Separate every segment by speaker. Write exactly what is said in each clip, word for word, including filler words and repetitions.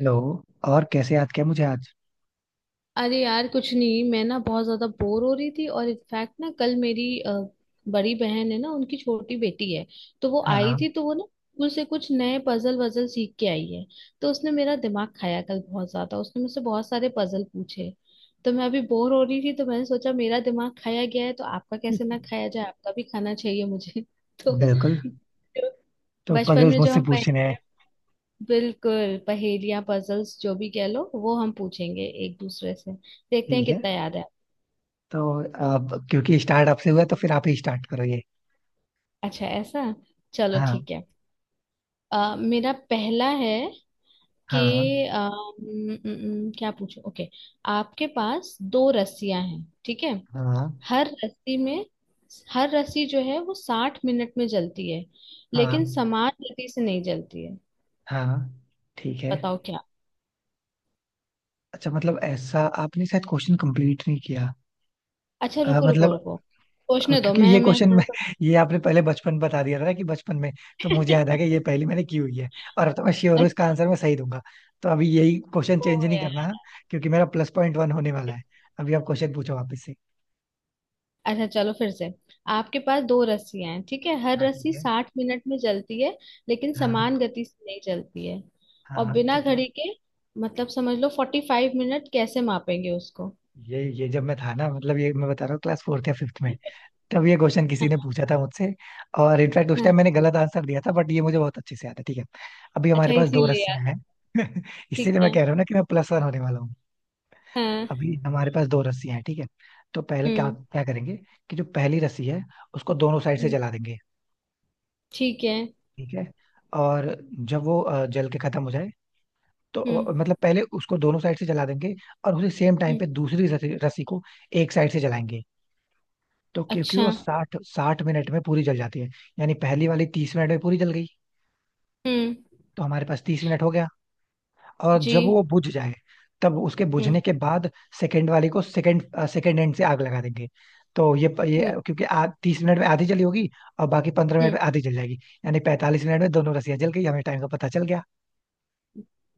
Speaker 1: Hello. और कैसे याद किया मुझे आज।
Speaker 2: अरे यार कुछ नहीं। मैं ना बहुत ज्यादा बोर हो रही थी। और इनफैक्ट ना, कल मेरी अ, बड़ी बहन है ना, उनकी छोटी बेटी है, तो वो
Speaker 1: हाँ,
Speaker 2: आई
Speaker 1: हाँ।
Speaker 2: थी। तो वो ना स्कूल से कुछ नए पजल वजल सीख के आई है। तो उसने मेरा दिमाग खाया कल बहुत ज्यादा। उसने मुझसे बहुत सारे पजल पूछे। तो मैं अभी बोर हो रही थी, तो मैंने सोचा मेरा दिमाग खाया गया है तो आपका कैसे ना खाया जाए, आपका भी खाना चाहिए मुझे। तो
Speaker 1: बिल्कुल। तो
Speaker 2: बचपन
Speaker 1: पजल्स
Speaker 2: में जो
Speaker 1: मुझसे
Speaker 2: हम
Speaker 1: पूछने हैं।
Speaker 2: पहेलियां, बिल्कुल पहेलियां पजल्स जो भी कह लो, वो हम पूछेंगे एक दूसरे से, देखते हैं
Speaker 1: ठीक है,
Speaker 2: कितना याद है।
Speaker 1: तो आप क्योंकि स्टार्ट आपसे हुआ है, तो फिर आप ही स्टार्ट करो ये।
Speaker 2: अच्छा ऐसा। चलो
Speaker 1: हाँ।
Speaker 2: ठीक है। अ, मेरा पहला है कि
Speaker 1: हाँ।
Speaker 2: अ, न- न- न- क्या पूछूं। ओके, आपके पास दो रस्सियां हैं, ठीक है।
Speaker 1: हाँ।
Speaker 2: हर रस्सी में, हर रस्सी जो है वो साठ मिनट में जलती है। लेकिन
Speaker 1: हाँ।
Speaker 2: समान गति से नहीं जलती है।
Speaker 1: हाँ, ठीक है।
Speaker 2: बताओ क्या।
Speaker 1: अच्छा, मतलब ऐसा आपने शायद क्वेश्चन कंप्लीट नहीं किया।
Speaker 2: अच्छा
Speaker 1: अ,
Speaker 2: रुको रुको
Speaker 1: मतलब।
Speaker 2: रुको,
Speaker 1: हाँ,
Speaker 2: सोचने दो।
Speaker 1: क्योंकि ये
Speaker 2: मैं मैं
Speaker 1: क्वेश्चन
Speaker 2: थोड़ा
Speaker 1: मैं,
Speaker 2: सा।
Speaker 1: ये आपने पहले बचपन बता दिया था ना कि बचपन में, तो मुझे याद आ गया ये पहली मैंने की हुई है। और अब तो मैं श्योर हूँ इसका
Speaker 2: अच्छा।
Speaker 1: आंसर मैं सही दूंगा। तो अभी यही क्वेश्चन
Speaker 2: ओ
Speaker 1: चेंज नहीं
Speaker 2: यार।
Speaker 1: करना है, क्योंकि मेरा प्लस पॉइंट वन होने वाला है। अभी आप क्वेश्चन पूछो वापस से।
Speaker 2: अच्छा चलो फिर से। आपके पास दो रस्सियां हैं, ठीक है। हर
Speaker 1: हाँ, ठीक
Speaker 2: रस्सी
Speaker 1: है।
Speaker 2: साठ मिनट में चलती है। लेकिन
Speaker 1: हाँ,
Speaker 2: समान गति से नहीं चलती है। और
Speaker 1: हाँ,
Speaker 2: बिना
Speaker 1: ठीक है।
Speaker 2: घड़ी के, मतलब समझ लो फोर्टी फाइव मिनट कैसे मापेंगे उसको।
Speaker 1: ये ये जब मैं था ना, मतलब ये मैं बता रहा हूँ क्लास फोर्थ या फिफ्थ में। तब ये क्वेश्चन किसी ने पूछा था मुझसे। और इनफैक्ट उस
Speaker 2: हाँ।
Speaker 1: टाइम मैंने गलत आंसर दिया था, बट ये मुझे बहुत अच्छे से याद है। ठीक है, अभी हमारे
Speaker 2: अच्छा,
Speaker 1: पास दो
Speaker 2: इसीलिए याद
Speaker 1: रस्सियां
Speaker 2: है।
Speaker 1: हैं।
Speaker 2: ठीक
Speaker 1: इसीलिए मैं
Speaker 2: है।
Speaker 1: कह रहा हूँ ना कि मैं प्लस वन होने वाला हूँ।
Speaker 2: हाँ।
Speaker 1: अभी हमारे पास दो रस्सियां हैं। ठीक है, तो पहले क्या
Speaker 2: हम्म।
Speaker 1: क्या करेंगे कि जो पहली रस्सी है, उसको दोनों साइड से
Speaker 2: हम्म,
Speaker 1: जला देंगे।
Speaker 2: ठीक है।
Speaker 1: ठीक है, और जब वो अ, जल के खत्म हो जाए, तो
Speaker 2: हम्म।
Speaker 1: अ, मतलब पहले उसको दोनों साइड से जला देंगे। और उसी सेम टाइम
Speaker 2: हम्म,
Speaker 1: पे दूसरी रस्सी रस्सी को एक साइड से जलाएंगे। तो क्योंकि
Speaker 2: अच्छा।
Speaker 1: वो साठ साठ मिनट में पूरी जल जाती है, यानी पहली वाली तीस मिनट में पूरी जल गई,
Speaker 2: हम्म।
Speaker 1: तो हमारे पास तीस मिनट हो गया। और
Speaker 2: जी।
Speaker 1: जब वो बुझ जाए, तब उसके
Speaker 2: हम्म।
Speaker 1: बुझने के बाद सेकंड वाली को सेकंड सेकंड एंड से आग लगा देंगे। तो ये ये
Speaker 2: हम्म।
Speaker 1: क्योंकि आ, तीस मिनट में आधी जली होगी और बाकी पंद्रह मिनट
Speaker 2: हम्म।
Speaker 1: में आधी जल जाएगी। यानी पैंतालीस मिनट में दोनों रस्सियां जल गई, हमें टाइम का पता चल गया।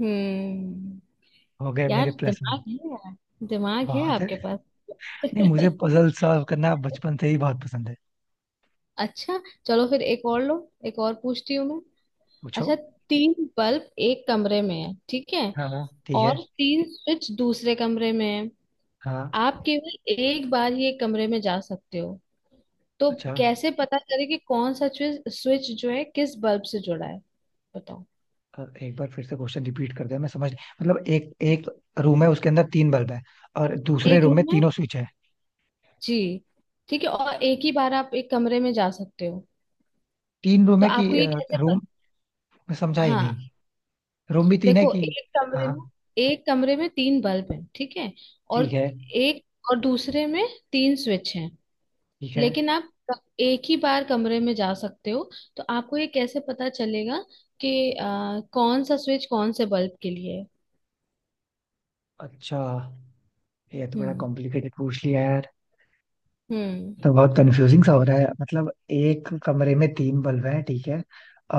Speaker 2: हम्म।
Speaker 1: हो गए मेरे
Speaker 2: यार
Speaker 1: प्लस में।
Speaker 2: दिमाग है यार। दिमाग है
Speaker 1: बहुत
Speaker 2: आपके
Speaker 1: है।
Speaker 2: पास।
Speaker 1: नहीं, मुझे पजल सॉल्व करना बचपन से ही बहुत पसंद है।
Speaker 2: अच्छा, चलो फिर एक और लो। एक और पूछती हूँ मैं।
Speaker 1: पूछो।
Speaker 2: अच्छा, तीन बल्ब एक कमरे में है, ठीक है।
Speaker 1: हाँ, हाँ, ठीक है।
Speaker 2: और तीन स्विच दूसरे कमरे में है।
Speaker 1: हाँ।
Speaker 2: आप केवल एक बार ही एक कमरे में जा सकते हो। तो
Speaker 1: अच्छा।
Speaker 2: कैसे पता करें कि कौन सा स्विच स्विच जो है किस बल्ब से जुड़ा है। बताओ।
Speaker 1: अ, एक बार फिर से क्वेश्चन रिपीट कर दे, मैं समझ नहीं- मतलब एक एक रूम है उसके अंदर तीन बल्ब है और दूसरे
Speaker 2: एक
Speaker 1: रूम में
Speaker 2: रूम में,
Speaker 1: तीनों स्विच है।
Speaker 2: जी, ठीक है। और एक ही बार आप एक कमरे में जा सकते हो।
Speaker 1: तीन रूम
Speaker 2: तो
Speaker 1: है कि
Speaker 2: आपको ये कैसे पता।
Speaker 1: रूम? मैं समझा ही
Speaker 2: हाँ,
Speaker 1: नहीं। रूम भी तीन है
Speaker 2: देखो
Speaker 1: कि?
Speaker 2: एक कमरे
Speaker 1: हाँ,
Speaker 2: में, एक कमरे में तीन बल्ब हैं, ठीक है। और
Speaker 1: ठीक है।
Speaker 2: एक, और दूसरे में तीन स्विच हैं।
Speaker 1: ठीक है।
Speaker 2: लेकिन आप क- एक ही बार कमरे में जा सकते हो। तो आपको ये कैसे पता चलेगा कि आ, कौन सा स्विच कौन से बल्ब के लिए है।
Speaker 1: अच्छा, ये तो बड़ा
Speaker 2: हम्म।
Speaker 1: कॉम्प्लिकेटेड पूछ लिया यार।
Speaker 2: हम्म।
Speaker 1: तो बहुत कंफ्यूजिंग सा हो रहा है। मतलब एक कमरे में तीन बल्ब हैं, ठीक है,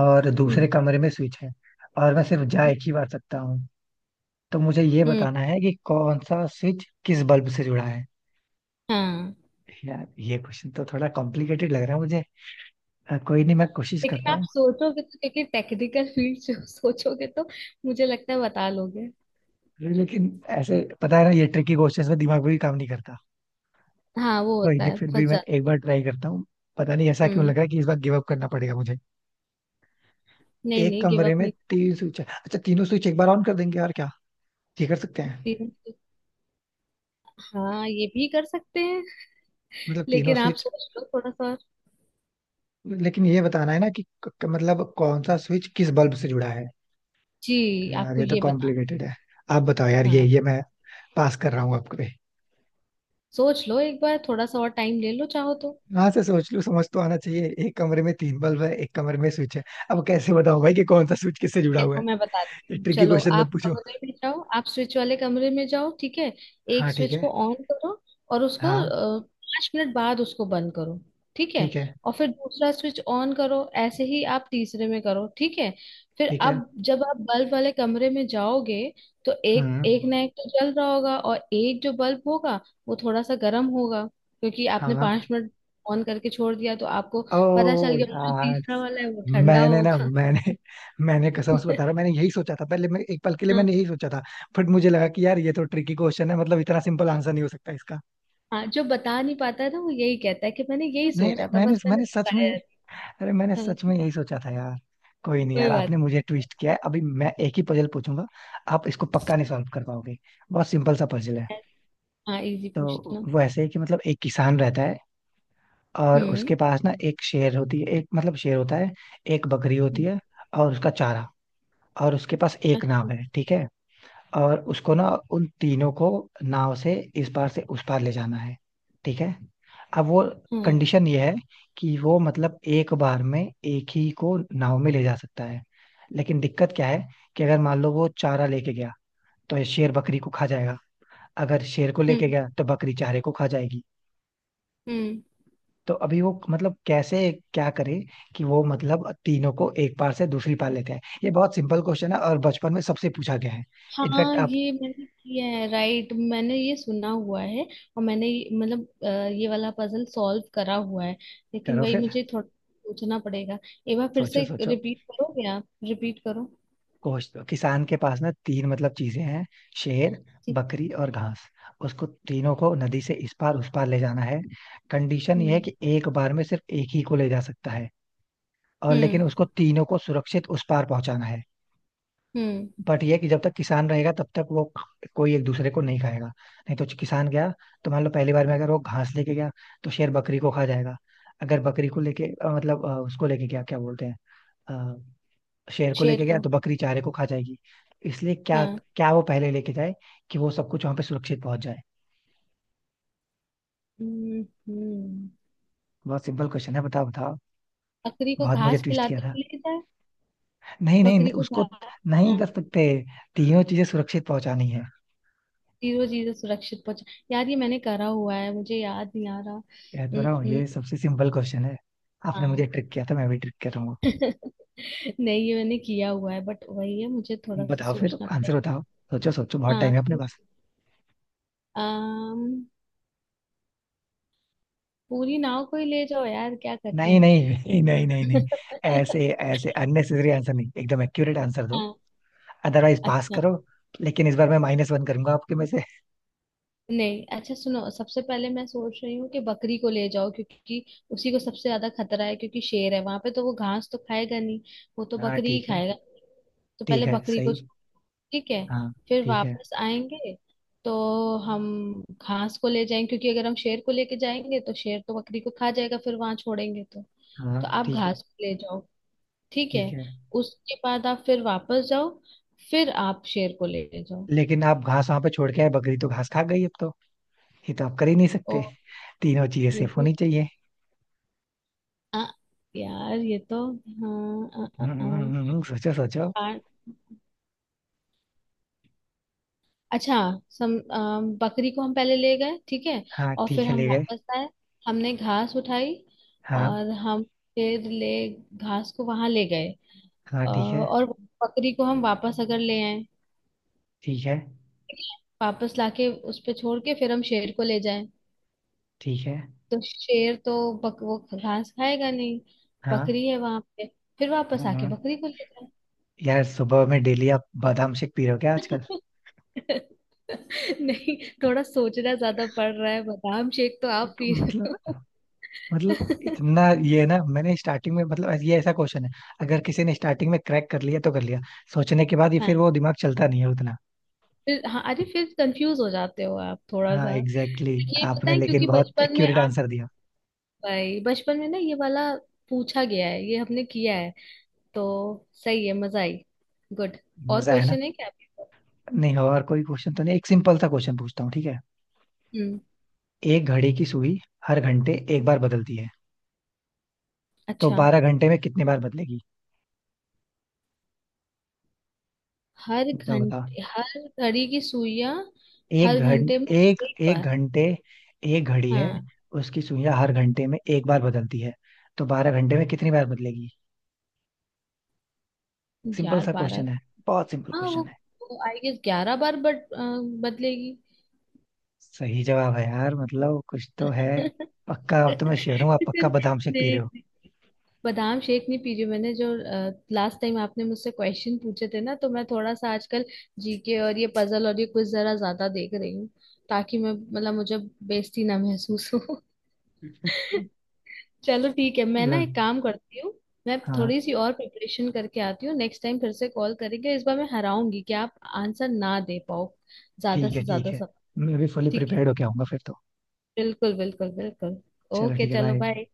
Speaker 1: और दूसरे
Speaker 2: हम्म।
Speaker 1: कमरे में स्विच है, और मैं सिर्फ जा एक ही बार सकता हूँ, तो मुझे ये
Speaker 2: हम्म।
Speaker 1: बताना है कि कौन सा स्विच किस बल्ब से जुड़ा है।
Speaker 2: हाँ।
Speaker 1: यार ये क्वेश्चन तो थोड़ा कॉम्प्लिकेटेड लग रहा है मुझे। अ, कोई नहीं, मैं कोशिश करता
Speaker 2: लेकिन आप
Speaker 1: हूँ।
Speaker 2: सोचोगे तो, क्योंकि टेक्निकल फील्ड से हो, सोचोगे तो मुझे लगता है बता लोगे।
Speaker 1: लेकिन ऐसे पता है ना, ये ट्रिकी क्वेश्चंस में दिमाग भी काम नहीं करता।
Speaker 2: हाँ वो
Speaker 1: कोई
Speaker 2: होता
Speaker 1: नहीं,
Speaker 2: है
Speaker 1: फिर भी
Speaker 2: फंस
Speaker 1: मैं
Speaker 2: जा।
Speaker 1: एक बार ट्राई करता हूँ। पता नहीं ऐसा क्यों लग
Speaker 2: हम्म।
Speaker 1: रहा है कि इस बार गिव अप करना पड़ेगा मुझे।
Speaker 2: नहीं
Speaker 1: एक
Speaker 2: नहीं, गिव
Speaker 1: कमरे
Speaker 2: अप
Speaker 1: में
Speaker 2: नहीं।
Speaker 1: तीन स्विच है, अच्छा तीनों स्विच एक बार ऑन कर देंगे और क्या, ये कर सकते हैं?
Speaker 2: करती हूँ। हाँ ये भी कर सकते हैं।
Speaker 1: मतलब तीनों
Speaker 2: लेकिन आप
Speaker 1: स्विच।
Speaker 2: सोच लो थोड़ा सा।
Speaker 1: लेकिन ये बताना है ना कि क- क- मतलब कौन सा स्विच किस बल्ब से जुड़ा है।
Speaker 2: जी,
Speaker 1: यार
Speaker 2: आपको
Speaker 1: ये तो
Speaker 2: ये बताना।
Speaker 1: कॉम्प्लिकेटेड है। आप बताओ यार, ये
Speaker 2: हाँ,
Speaker 1: ये मैं पास कर रहा हूँ आपको पे।
Speaker 2: सोच लो एक बार, थोड़ा सा और टाइम ले लो चाहो तो।
Speaker 1: हाँ से सोच लूँ, समझ तो आना चाहिए। एक कमरे में तीन बल्ब है, एक कमरे में स्विच है, अब कैसे बताओ भाई कि कौन सा स्विच किससे जुड़ा हुआ
Speaker 2: देखो
Speaker 1: है?
Speaker 2: मैं बताती
Speaker 1: ये
Speaker 2: हूँ।
Speaker 1: ट्रिकी
Speaker 2: चलो
Speaker 1: क्वेश्चन मत
Speaker 2: आप
Speaker 1: पूछो।
Speaker 2: कमरे में जाओ, आप स्विच वाले कमरे में जाओ, ठीक है।
Speaker 1: हाँ,
Speaker 2: एक
Speaker 1: ठीक
Speaker 2: स्विच
Speaker 1: है।
Speaker 2: को ऑन करो और उसको
Speaker 1: हाँ,
Speaker 2: अ, पाँच मिनट बाद उसको बंद करो, ठीक है।
Speaker 1: ठीक है।
Speaker 2: और फिर दूसरा स्विच ऑन करो, ऐसे ही आप तीसरे में करो, ठीक है। फिर
Speaker 1: ठीक है।
Speaker 2: अब जब आप बल्ब वाले कमरे में जाओगे, तो एक एक
Speaker 1: हम्म।
Speaker 2: ना, एक तो जल रहा होगा, और एक जो बल्ब होगा वो थोड़ा सा गर्म होगा, क्योंकि आपने
Speaker 1: हाँ।
Speaker 2: पाँच मिनट ऑन करके छोड़ दिया। तो आपको पता चल
Speaker 1: ओ
Speaker 2: गया, जो
Speaker 1: यार।
Speaker 2: तीसरा वाला है वो ठंडा
Speaker 1: मैंने ना
Speaker 2: होगा।
Speaker 1: मैंने मैंने कसम से बता रहा हूँ, मैंने यही सोचा था पहले, मैं एक पल के लिए मैंने यही सोचा था। बट मुझे लगा कि यार ये तो ट्रिकी क्वेश्चन है, मतलब इतना सिंपल आंसर नहीं हो सकता इसका।
Speaker 2: हाँ, जो बता नहीं पाता है ना, वो यही कहता है कि मैंने यही
Speaker 1: नहीं, नहीं,
Speaker 2: सोचा था
Speaker 1: मैंने
Speaker 2: बस मैंने
Speaker 1: मैंने सच में,
Speaker 2: बताया।
Speaker 1: अरे मैंने
Speaker 2: नहीं।
Speaker 1: सच
Speaker 2: हाँ।
Speaker 1: में यही सोचा था यार। कोई नहीं
Speaker 2: कोई
Speaker 1: यार,
Speaker 2: बात
Speaker 1: आपने मुझे ट्विस्ट किया है, अभी मैं एक ही पजल पूछूंगा। आप इसको पक्का नहीं सॉल्व कर पाओगे। बहुत सिंपल सा पजल है।
Speaker 2: नहीं। हाँ, इजी
Speaker 1: तो
Speaker 2: पूछना।
Speaker 1: वो ऐसे ही कि मतलब एक किसान रहता है, और
Speaker 2: हम्म।
Speaker 1: उसके पास ना एक शेर होती है, एक मतलब शेर होता है, एक बकरी होती
Speaker 2: हम्म,
Speaker 1: है, और उसका चारा। और उसके पास एक
Speaker 2: अच्छा।
Speaker 1: नाव है, ठीक है। और उसको ना उन तीनों को नाव से इस पार से उस पार ले जाना है। ठीक है, अब वो
Speaker 2: हाँ।
Speaker 1: कंडीशन ये है कि वो मतलब एक बार में एक ही को नाव में ले जा सकता है। लेकिन दिक्कत क्या है कि अगर मान लो वो चारा लेके गया तो ये शेर बकरी को खा जाएगा, अगर शेर को लेके
Speaker 2: हम्म।
Speaker 1: गया तो बकरी चारे को खा जाएगी।
Speaker 2: हम्म।
Speaker 1: तो अभी वो मतलब कैसे, क्या करे कि वो मतलब तीनों को एक पार से दूसरी पार लेते हैं। ये बहुत सिंपल क्वेश्चन है और बचपन में सबसे पूछा गया है। इनफैक्ट
Speaker 2: हाँ
Speaker 1: आप
Speaker 2: ये मैंने किया है, राइट, मैंने ये सुना हुआ है। और मैंने ये, मतलब अ, ये वाला पजल सॉल्व करा हुआ है। लेकिन
Speaker 1: करो
Speaker 2: वही,
Speaker 1: फिर।
Speaker 2: मुझे थोड़ा सोचना पड़ेगा। एक बार फिर
Speaker 1: सोचो,
Speaker 2: से
Speaker 1: सोचो।
Speaker 2: रिपीट करोगे, आप रिपीट करो।
Speaker 1: कोच दो किसान के पास ना तीन मतलब चीजें हैं, शेर,
Speaker 2: ठीक।
Speaker 1: बकरी और घास। उसको तीनों को नदी से इस पार उस पार ले जाना है। कंडीशन ये है
Speaker 2: हम्म।
Speaker 1: कि एक बार में सिर्फ एक ही को ले जा सकता है। और लेकिन
Speaker 2: हम्म।
Speaker 1: उसको तीनों को सुरक्षित उस पार पहुंचाना है।
Speaker 2: हम्म।
Speaker 1: बट ये है कि जब तक किसान रहेगा तब तक वो कोई एक दूसरे को नहीं खाएगा, नहीं तो किसान गया, तो मान लो पहली बार में अगर वो घास लेके गया तो शेर बकरी को खा जाएगा, अगर बकरी को लेके अ, मतलब अ, उसको लेके गया क्या बोलते हैं, शेर को
Speaker 2: शेर
Speaker 1: लेके गया
Speaker 2: को।
Speaker 1: तो बकरी चारे को खा जाएगी। इसलिए क्या,
Speaker 2: हाँ।
Speaker 1: क्या वो पहले लेके जाए कि वो सब कुछ वहां पे सुरक्षित पहुंच जाए।
Speaker 2: हम्म। हम्म।
Speaker 1: बहुत सिंपल क्वेश्चन है, बताओ बताओ।
Speaker 2: बकरी को
Speaker 1: बहुत मुझे
Speaker 2: घास
Speaker 1: ट्विस्ट किया
Speaker 2: खिलाते
Speaker 1: था।
Speaker 2: हुए ले जाए।
Speaker 1: नहीं, नहीं,
Speaker 2: बकरी
Speaker 1: नहीं,
Speaker 2: को
Speaker 1: उसको
Speaker 2: घास।
Speaker 1: नहीं
Speaker 2: हाँ।
Speaker 1: कर सकते। तीनों चीजें सुरक्षित पहुंचानी है।
Speaker 2: जीरो जीरो सुरक्षित पहुंचा। यार ये मैंने करा हुआ है, मुझे याद नहीं आ रहा।
Speaker 1: कह तो
Speaker 2: उम,
Speaker 1: रहा हूँ
Speaker 2: उम,
Speaker 1: ये सबसे सिंपल क्वेश्चन है। आपने
Speaker 2: हाँ।
Speaker 1: मुझे ट्रिक किया था, मैं भी ट्रिक कर रहा हूँ।
Speaker 2: नहीं ये मैंने किया हुआ है, बट वही है, मुझे थोड़ा सा
Speaker 1: बताओ फिर,
Speaker 2: सोचना
Speaker 1: आंसर
Speaker 2: पड़ेगा।
Speaker 1: बताओ। सोचो सोचो, बहुत
Speaker 2: हाँ
Speaker 1: टाइम है अपने
Speaker 2: सोच-
Speaker 1: पास।
Speaker 2: अम, पूरी नाव को ही ले जाओ यार, क्या करना
Speaker 1: नहीं
Speaker 2: है।
Speaker 1: नहीं नहीं नहीं नहीं नहीं, ऐसे ऐसे अननेसेसरी आंसर नहीं, एकदम एक्यूरेट आंसर दो।
Speaker 2: हाँ।
Speaker 1: अदरवाइज पास
Speaker 2: अच्छा।
Speaker 1: करो। लेकिन इस बार मैं माइनस वन करूंगा आपके में से।
Speaker 2: नहीं, अच्छा सुनो, सबसे पहले मैं सोच रही हूँ कि बकरी को ले जाओ, क्योंकि उसी को सबसे ज्यादा खतरा है। क्योंकि शेर है वहां पे, तो वो घास तो खाएगा नहीं, वो तो
Speaker 1: हाँ,
Speaker 2: बकरी ही
Speaker 1: ठीक है।
Speaker 2: खाएगा। तो
Speaker 1: ठीक
Speaker 2: पहले
Speaker 1: है,
Speaker 2: बकरी को
Speaker 1: सही।
Speaker 2: छोड़-, ठीक है,
Speaker 1: हाँ,
Speaker 2: फिर
Speaker 1: ठीक है।
Speaker 2: वापस आएंगे। तो हम घास को ले जाएंगे, क्योंकि अगर हम शेर को लेके जाएंगे तो शेर तो बकरी को खा जाएगा, फिर वहां छोड़ेंगे तो।
Speaker 1: हाँ,
Speaker 2: तो आप
Speaker 1: ठीक है।
Speaker 2: घास को ले जाओ, ठीक
Speaker 1: ठीक
Speaker 2: है।
Speaker 1: है।
Speaker 2: उसके बाद आप फिर वापस जाओ, फिर आप शेर को ले जाओ।
Speaker 1: लेकिन आप घास वहां पे छोड़ के आए, बकरी तो घास खा गई अब तो। ये तो आप कर ही नहीं सकते। तीनों चीजें सेफ
Speaker 2: ओ,
Speaker 1: होनी चाहिए।
Speaker 2: आ, यार ये तो, हाँ। आ, आ,
Speaker 1: हम्म,
Speaker 2: आ,
Speaker 1: हम्म, हम्म, हम्म, हम्म, सोचो सोचो।
Speaker 2: आ, अच्छा। सम आ, बकरी को हम पहले ले गए, ठीक है।
Speaker 1: हाँ
Speaker 2: और
Speaker 1: ठीक
Speaker 2: फिर
Speaker 1: है,
Speaker 2: हम
Speaker 1: ले गए।
Speaker 2: वापस आए, हमने घास उठाई।
Speaker 1: हाँ।
Speaker 2: और हम फिर ले, घास को वहां ले गए।
Speaker 1: हाँ
Speaker 2: अ,
Speaker 1: ठीक है।
Speaker 2: और बकरी को हम वापस अगर ले आए,
Speaker 1: ठीक है।
Speaker 2: ठीक है? वापस लाके उस पे छोड़ के फिर हम शेर को ले जाएं।
Speaker 1: ठीक है।
Speaker 2: तो शेर तो बक, वो घास खाएगा नहीं,
Speaker 1: हाँ।
Speaker 2: बकरी है वहां पे। फिर वापस
Speaker 1: हम्म,
Speaker 2: आके
Speaker 1: हम्म।
Speaker 2: बकरी को ले जाए।
Speaker 1: यार सुबह में डेली आप बादाम शेक पी रहे हो क्या आजकल?
Speaker 2: नहीं, थोड़ा सोचना ज्यादा पड़ रहा है। बादाम शेक तो आप
Speaker 1: कुछ-
Speaker 2: पी रहे
Speaker 1: मतलब,
Speaker 2: हो।
Speaker 1: मतलब इतना ये है ना, मैंने स्टार्टिंग में, मतलब ये ऐसा क्वेश्चन है, अगर किसी ने स्टार्टिंग में क्रैक कर लिया तो कर लिया, सोचने के बाद ये
Speaker 2: हाँ,
Speaker 1: फिर वो दिमाग चलता नहीं है उतना।
Speaker 2: फिर हाँ, अरे फिर कंफ्यूज हो जाते हो आप थोड़ा
Speaker 1: हाँ
Speaker 2: सा।
Speaker 1: Exactly, exactly.
Speaker 2: ये पता
Speaker 1: आपने
Speaker 2: है,
Speaker 1: लेकिन
Speaker 2: क्योंकि
Speaker 1: बहुत
Speaker 2: बचपन में
Speaker 1: एक्यूरेट
Speaker 2: आप,
Speaker 1: आंसर दिया।
Speaker 2: भाई बचपन में ना ये वाला पूछा गया है, ये हमने किया है। तो सही है, मजा आई। गुड। और
Speaker 1: मजा है ना।
Speaker 2: क्वेश्चन है क्या आपके पास?
Speaker 1: नहीं और कोई क्वेश्चन तो नहीं, एक सिंपल सा क्वेश्चन पूछता हूँ, ठीक है।
Speaker 2: हम्म।
Speaker 1: एक घड़ी की सुई हर घंटे एक बार बदलती है, तो
Speaker 2: अच्छा।
Speaker 1: बारह घंटे में कितने बार बदलेगी,
Speaker 2: हर
Speaker 1: बताओ बताओ।
Speaker 2: घंटे, हर घड़ी की सुइयां।
Speaker 1: एक
Speaker 2: हर घंटे में
Speaker 1: घंटे एक
Speaker 2: एक
Speaker 1: एक
Speaker 2: बार।
Speaker 1: घंटे एक घड़ी है,
Speaker 2: हाँ।
Speaker 1: उसकी सुइयां हर घंटे में एक बार बदलती है, तो बारह घंटे में कितनी बार बदलेगी। सिंपल
Speaker 2: यार
Speaker 1: सा
Speaker 2: बारह,
Speaker 1: क्वेश्चन है। बहुत सिंपल
Speaker 2: हाँ वो,
Speaker 1: क्वेश्चन है।
Speaker 2: वो आई गेस ग्यारह बार, बट बदलेगी।
Speaker 1: सही जवाब है यार, मतलब कुछ तो है। पक्का अब तो मैं श्योर हूँ आप पक्का
Speaker 2: नहीं
Speaker 1: बादाम शेक पी रहे हो।
Speaker 2: नहीं, बादाम शेक नहीं पी रही हूँ। मैंने जो लास्ट टाइम आपने मुझसे क्वेश्चन पूछे थे ना, तो मैं थोड़ा सा आजकल जीके और ये पजल और ये कुछ जरा ज्यादा देख रही हूँ, ताकि मैं, मतलब मुझे बेइज्जती ना महसूस हो। चलो ठीक है, मैं ना
Speaker 1: चलो।
Speaker 2: एक काम करती हूँ। मैं
Speaker 1: हाँ,
Speaker 2: थोड़ी सी और प्रिपरेशन करके आती हूँ। नेक्स्ट टाइम फिर से कॉल करेंगे, इस बार मैं हराऊंगी कि आप आंसर ना दे पाओ, ज्यादा
Speaker 1: ठीक है,
Speaker 2: से ज्यादा
Speaker 1: ठीक है।
Speaker 2: सब।
Speaker 1: मैं भी फुली
Speaker 2: ठीक है,
Speaker 1: प्रिपेयर्ड होके आऊंगा फिर तो।
Speaker 2: बिल्कुल बिल्कुल बिल्कुल।
Speaker 1: चलो
Speaker 2: ओके
Speaker 1: ठीक है,
Speaker 2: चलो,
Speaker 1: बाय।
Speaker 2: बाय।